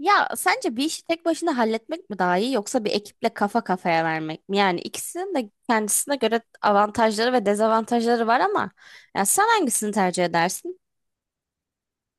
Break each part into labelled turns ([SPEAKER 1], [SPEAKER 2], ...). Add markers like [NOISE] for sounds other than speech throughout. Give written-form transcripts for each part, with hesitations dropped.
[SPEAKER 1] Ya sence bir işi tek başına halletmek mi daha iyi yoksa bir ekiple kafa kafaya vermek mi? Yani ikisinin de kendisine göre avantajları ve dezavantajları var ama ya sen hangisini tercih edersin?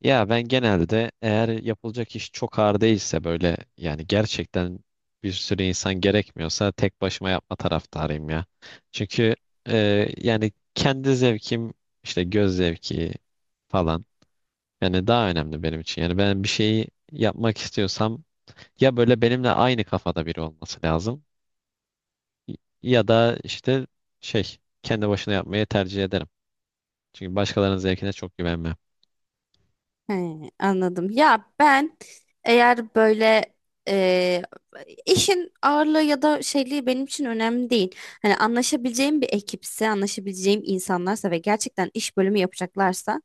[SPEAKER 2] Ya ben genelde eğer yapılacak iş çok ağır değilse böyle yani gerçekten bir sürü insan gerekmiyorsa tek başıma yapma taraftarıyım ya. Çünkü yani kendi zevkim, işte göz zevki falan, yani daha önemli benim için. Yani ben bir şeyi yapmak istiyorsam ya böyle benimle aynı kafada biri olması lazım, ya da işte şey kendi başına yapmayı tercih ederim. Çünkü başkalarının zevkine çok güvenmem.
[SPEAKER 1] He, anladım. Ya ben eğer böyle e, işin ağırlığı ya da şeyliği benim için önemli değil. Hani anlaşabileceğim bir ekipse, anlaşabileceğim insanlarsa ve gerçekten iş bölümü yapacaklarsa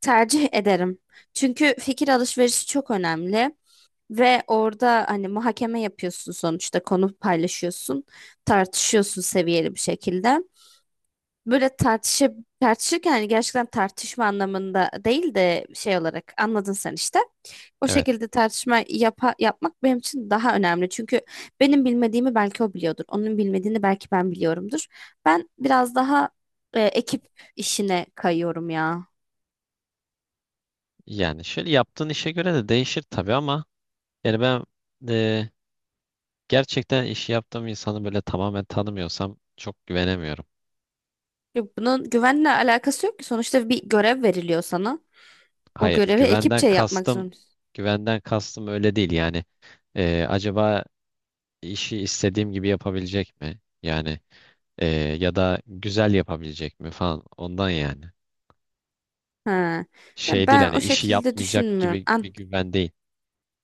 [SPEAKER 1] tercih ederim. Çünkü fikir alışverişi çok önemli. Ve orada hani muhakeme yapıyorsun, sonuçta konu paylaşıyorsun, tartışıyorsun seviyeli bir şekilde. Böyle tartışıp tartışırken hani gerçekten tartışma anlamında değil de şey olarak anladın sen işte. O
[SPEAKER 2] Evet.
[SPEAKER 1] şekilde yapmak benim için daha önemli. Çünkü benim bilmediğimi belki o biliyordur. Onun bilmediğini belki ben biliyorumdur. Ben biraz daha ekip işine kayıyorum ya.
[SPEAKER 2] Yani şöyle yaptığın işe göre de değişir tabii ama yani ben e, gerçekten işi yaptığım insanı böyle tamamen tanımıyorsam çok güvenemiyorum.
[SPEAKER 1] Ya bunun güvenle alakası yok ki. Sonuçta bir görev veriliyor sana. O
[SPEAKER 2] Hayır,
[SPEAKER 1] görevi
[SPEAKER 2] güvenden
[SPEAKER 1] ekipçe yapmak
[SPEAKER 2] kastım
[SPEAKER 1] zorundasın.
[SPEAKER 2] güvenden kastım öyle değil yani. E, acaba işi istediğim gibi yapabilecek mi? Yani e, ya da güzel yapabilecek mi falan ondan yani.
[SPEAKER 1] Ha. Ya
[SPEAKER 2] Şey değil,
[SPEAKER 1] ben
[SPEAKER 2] hani
[SPEAKER 1] o
[SPEAKER 2] işi
[SPEAKER 1] şekilde
[SPEAKER 2] yapmayacak
[SPEAKER 1] düşünmüyorum.
[SPEAKER 2] gibi bir güven değil.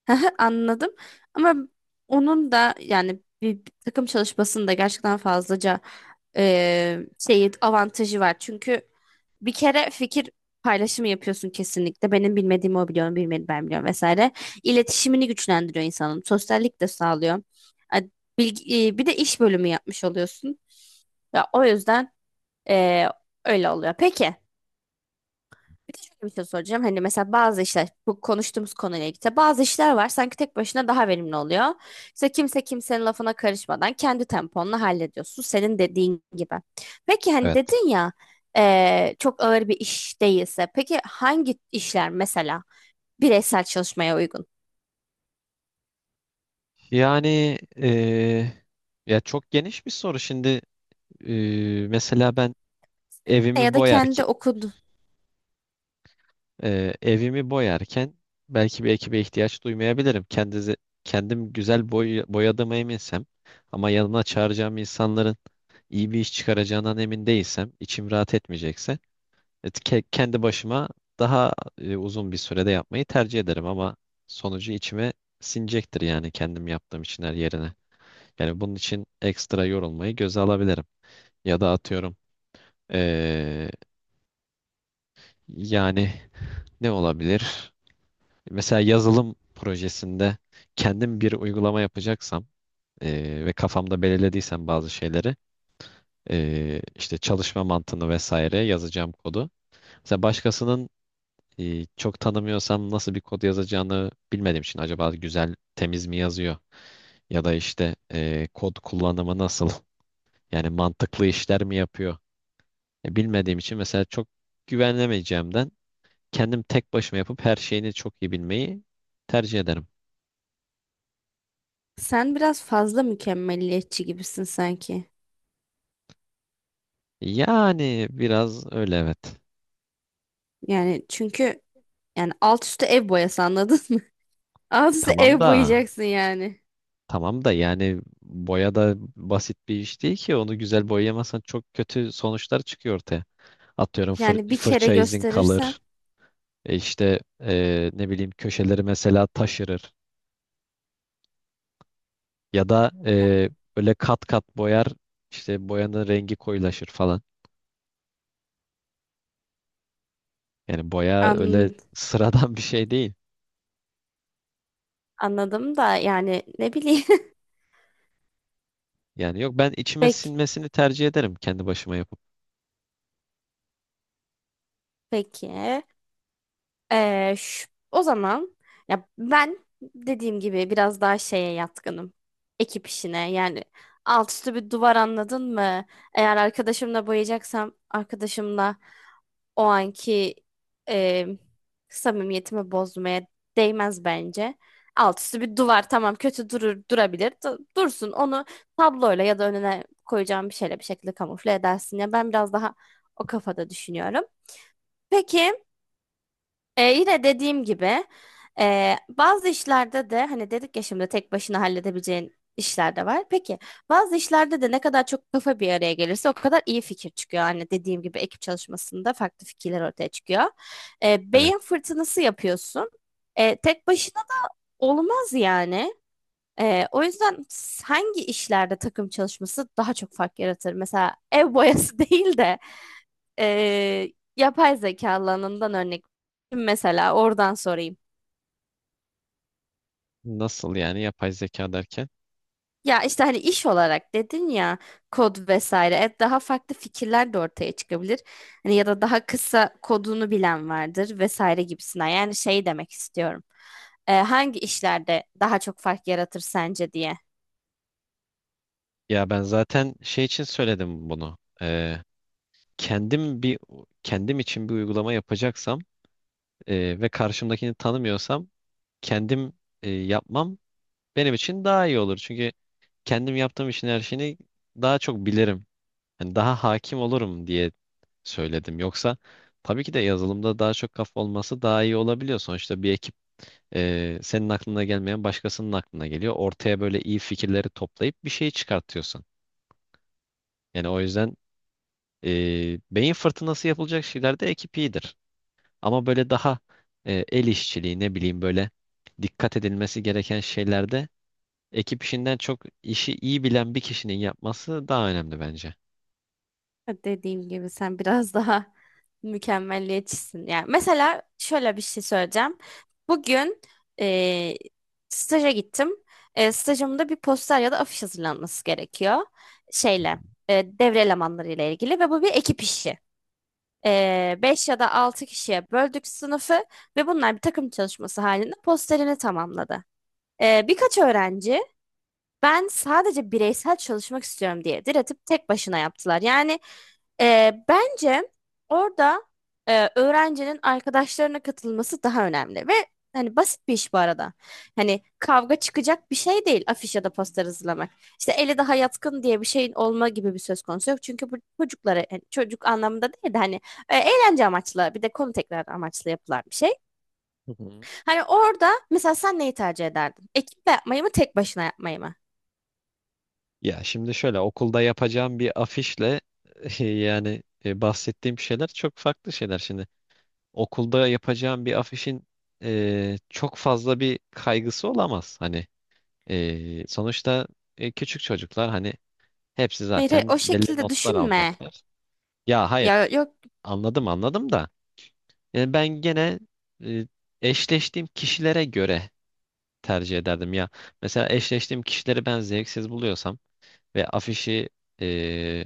[SPEAKER 1] [LAUGHS] anladım. Ama onun da yani bir takım çalışmasında gerçekten fazlaca e, şey avantajı var. Çünkü bir kere fikir paylaşımı yapıyorsun kesinlikle. Benim bilmediğimi o biliyor, bilmedi ben biliyorum vesaire. İletişimini güçlendiriyor insanın. Sosyallik de sağlıyor. A- Bir de iş bölümü yapmış oluyorsun. Ya o yüzden e, öyle oluyor. Peki. Bir de şöyle bir şey soracağım. Hani mesela bazı işler bu konuştuğumuz konuyla ilgili. Bazı işler var sanki tek başına daha verimli oluyor. İşte kimse kimsenin lafına karışmadan kendi temponla hallediyorsun. Senin dediğin gibi. Peki hani
[SPEAKER 2] Evet.
[SPEAKER 1] dedin ya çok ağır bir iş değilse. Peki hangi işler mesela bireysel çalışmaya uygun?
[SPEAKER 2] Yani ya çok geniş bir soru. Şimdi mesela ben evimi
[SPEAKER 1] Ya da
[SPEAKER 2] boyarken
[SPEAKER 1] kendi okudun.
[SPEAKER 2] evimi boyarken belki bir ekibe ihtiyaç duymayabilirim. Kendim güzel boyadığıma eminsem ama yanıma çağıracağım insanların iyi bir iş çıkaracağından emin değilsem, içim rahat etmeyecekse, kendi başıma daha uzun bir sürede yapmayı tercih ederim, ama sonucu içime sinecektir yani, kendim yaptığım için her yerine. Yani bunun için ekstra yorulmayı göze alabilirim. Ya da atıyorum, eee, yani ne olabilir? Mesela yazılım projesinde kendim bir uygulama yapacaksam ve kafamda belirlediysem bazı şeyleri, işte çalışma mantığını vesaire, yazacağım kodu. Mesela başkasının, çok tanımıyorsam nasıl bir kod yazacağını bilmediğim için, acaba güzel temiz mi yazıyor? Ya da işte kod kullanımı nasıl? [LAUGHS] Yani mantıklı işler mi yapıyor? Ya bilmediğim için mesela, çok güvenemeyeceğimden, kendim tek başıma yapıp her şeyini çok iyi bilmeyi tercih ederim.
[SPEAKER 1] Sen biraz fazla mükemmeliyetçi gibisin sanki.
[SPEAKER 2] Yani biraz öyle, evet.
[SPEAKER 1] Yani çünkü yani alt üstü ev boyası anladın mı? [LAUGHS] Alt üstü
[SPEAKER 2] Tamam
[SPEAKER 1] ev
[SPEAKER 2] da,
[SPEAKER 1] boyayacaksın yani.
[SPEAKER 2] tamam da, yani boya da basit bir iş değil ki. Onu güzel boyayamazsan çok kötü sonuçlar çıkıyor ortaya. Atıyorum,
[SPEAKER 1] Yani bir kere
[SPEAKER 2] fırça izin
[SPEAKER 1] gösterirsen
[SPEAKER 2] kalır. İşte ne bileyim, köşeleri mesela taşırır. Ya da böyle kat kat boyar, işte boyanın rengi koyulaşır falan. Yani boya öyle
[SPEAKER 1] an,
[SPEAKER 2] [LAUGHS] sıradan bir şey değil.
[SPEAKER 1] anladım da yani ne bileyim. [LAUGHS]
[SPEAKER 2] Yani yok, ben içime
[SPEAKER 1] Peki,
[SPEAKER 2] sinmesini tercih ederim kendi başıma yapıp.
[SPEAKER 1] peki. O zaman ya ben dediğim gibi biraz daha şeye yatkınım. Ekip işine yani alt üstü bir duvar anladın mı? Eğer arkadaşımla boyayacaksam arkadaşımla o anki e, samimiyetimi bozmaya değmez bence. Alt üstü bir duvar tamam, kötü durur durabilir, dursun, onu tabloyla ya da önüne koyacağım bir şeyle bir şekilde kamufle edersin, ya ben biraz daha o kafada düşünüyorum. Peki. Yine dediğim gibi bazı işlerde de hani dedik ya şimdi tek başına halledebileceğin işler de var. Peki bazı işlerde de ne kadar çok kafa bir araya gelirse o kadar iyi fikir çıkıyor. Hani dediğim gibi ekip çalışmasında farklı fikirler ortaya çıkıyor.
[SPEAKER 2] Evet.
[SPEAKER 1] Beyin fırtınası yapıyorsun. Tek başına da olmaz yani. O yüzden hangi işlerde takım çalışması daha çok fark yaratır? Mesela ev boyası [LAUGHS] değil de ee, yapay zeka alanından örnek. Mesela oradan sorayım.
[SPEAKER 2] Nasıl yani, yapay zeka derken?
[SPEAKER 1] Ya işte hani iş olarak dedin ya, kod vesaire. Daha farklı fikirler de ortaya çıkabilir. Hani ya da daha kısa kodunu bilen vardır vesaire gibisinden. Yani şey demek istiyorum. Hangi işlerde daha çok fark yaratır sence diye.
[SPEAKER 2] Ya ben zaten şey için söyledim bunu. Kendim bir kendim için bir uygulama yapacaksam ve karşımdakini tanımıyorsam, kendim yapmam benim için daha iyi olur. Çünkü kendim yaptığım işin her şeyini daha çok bilirim. Hani daha hakim olurum diye söyledim. Yoksa tabii ki de yazılımda daha çok kafa olması daha iyi olabiliyor. Sonuçta bir ekip, senin aklına gelmeyen başkasının aklına geliyor. Ortaya böyle iyi fikirleri toplayıp bir şey çıkartıyorsun. Yani o yüzden beyin fırtınası yapılacak şeylerde ekip iyidir. Ama böyle daha el işçiliği, ne bileyim, böyle dikkat edilmesi gereken şeylerde, ekip işinden çok işi iyi bilen bir kişinin yapması daha önemli bence.
[SPEAKER 1] Dediğim gibi sen biraz daha [LAUGHS] mükemmelliyetçisin. Yani mesela şöyle bir şey söyleyeceğim. Bugün eee staja gittim. Stajımda bir poster ya da afiş hazırlanması gerekiyor. Şeyle, Devre elemanlarıyla ilgili ve bu bir ekip işi. 5 ya da 6 kişiye böldük sınıfı ve bunlar bir takım çalışması halinde posterini tamamladı. Birkaç öğrenci ben sadece bireysel çalışmak istiyorum diye diretip tek başına yaptılar. Yani bence orada öğrencinin arkadaşlarına katılması daha önemli ve hani basit bir iş bu arada. Hani kavga çıkacak bir şey değil afiş ya da poster hazırlamak. İşte eli daha yatkın diye bir şeyin olma gibi bir söz konusu yok. Çünkü bu çocuklara yani çocuk anlamında değil de hani eğlence amaçlı bir de konu tekrar amaçlı yapılan bir şey.
[SPEAKER 2] [LAUGHS]
[SPEAKER 1] Hani orada mesela sen neyi tercih ederdin? Ekiple yapmayı mı tek başına yapmayı mı?
[SPEAKER 2] Ya şimdi şöyle, okulda yapacağım bir afişle [LAUGHS] yani bahsettiğim şeyler çok farklı şeyler şimdi. Okulda yapacağım bir afişin çok fazla bir kaygısı olamaz. Hani, sonuçta, küçük çocuklar, hani hepsi
[SPEAKER 1] Hayır, hayır,
[SPEAKER 2] zaten
[SPEAKER 1] o
[SPEAKER 2] belli
[SPEAKER 1] şekilde
[SPEAKER 2] notlar
[SPEAKER 1] düşünme.
[SPEAKER 2] alacaklar. Ya hayır,
[SPEAKER 1] Ya yok,
[SPEAKER 2] anladım da yani ben gene e, eşleştiğim kişilere göre tercih ederdim ya. Mesela eşleştiğim kişileri ben zevksiz buluyorsam ve afişi, e,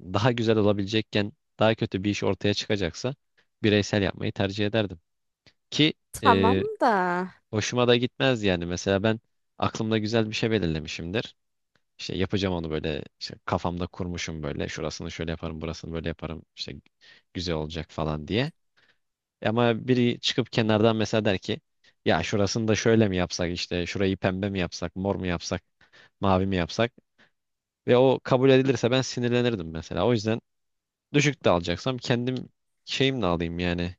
[SPEAKER 2] daha güzel olabilecekken daha kötü bir iş ortaya çıkacaksa, bireysel yapmayı tercih ederdim. Ki
[SPEAKER 1] tamam
[SPEAKER 2] e,
[SPEAKER 1] da.
[SPEAKER 2] hoşuma da gitmez yani. Mesela ben aklımda güzel bir şey belirlemişimdir. İşte yapacağım onu, böyle işte kafamda kurmuşum, böyle şurasını şöyle yaparım burasını böyle yaparım, işte güzel olacak falan diye. Ama biri çıkıp kenardan mesela der ki, ya şurasını da şöyle mi yapsak, işte şurayı pembe mi yapsak mor mu yapsak mavi mi yapsak, ve o kabul edilirse ben sinirlenirdim mesela. O yüzden düşük de alacaksam kendim şeyimle alayım yani.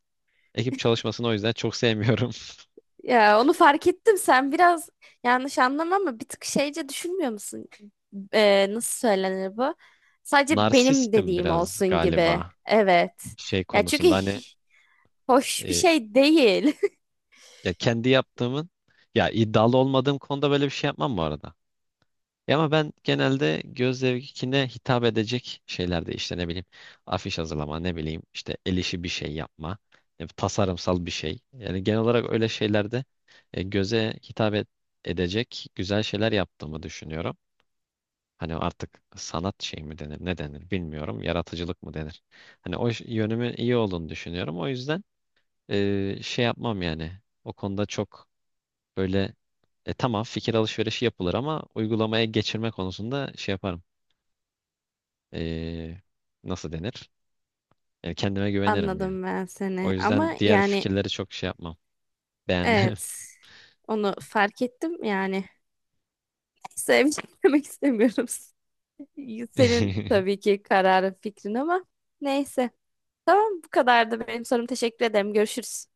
[SPEAKER 2] Ekip çalışmasını o yüzden çok sevmiyorum. [LAUGHS]
[SPEAKER 1] Ya onu fark ettim, sen biraz yanlış anlama ama bir tık şeyce düşünmüyor musun? Nasıl söylenir bu? Sadece benim
[SPEAKER 2] Narsistim
[SPEAKER 1] dediğim
[SPEAKER 2] biraz
[SPEAKER 1] olsun gibi.
[SPEAKER 2] galiba
[SPEAKER 1] Evet.
[SPEAKER 2] şey
[SPEAKER 1] Ya çünkü
[SPEAKER 2] konusunda, hani
[SPEAKER 1] hoş bir
[SPEAKER 2] e,
[SPEAKER 1] şey değil.
[SPEAKER 2] ya kendi
[SPEAKER 1] [LAUGHS]
[SPEAKER 2] yaptığımın, ya iddialı olmadığım konuda böyle bir şey yapmam bu arada. E ama ben genelde göz zevkine hitap edecek şeylerde, işte ne bileyim afiş hazırlama, ne bileyim işte el işi bir şey yapma, tasarımsal bir şey, yani genel olarak öyle şeylerde e, göze hitap et- edecek güzel şeyler yaptığımı düşünüyorum. Hani artık sanat şey mi denir, ne denir, bilmiyorum. Yaratıcılık mı denir? Hani o yönümün iyi olduğunu düşünüyorum. O yüzden şey yapmam yani. O konuda çok böyle, tamam fikir alışverişi yapılır ama uygulamaya geçirme konusunda şey yaparım. E, nasıl denir? E, kendime güvenirim yani.
[SPEAKER 1] Anladım ben
[SPEAKER 2] O
[SPEAKER 1] seni. Ama
[SPEAKER 2] yüzden diğer
[SPEAKER 1] yani
[SPEAKER 2] fikirleri çok şey yapmam. Beğenmem.
[SPEAKER 1] evet. Onu fark ettim yani. Neyse, bir şey demek istemiyorum. [LAUGHS] Senin
[SPEAKER 2] [LAUGHS]
[SPEAKER 1] tabii ki kararın, fikrin ama neyse. Tamam, bu kadardı benim sorum. Teşekkür ederim. Görüşürüz.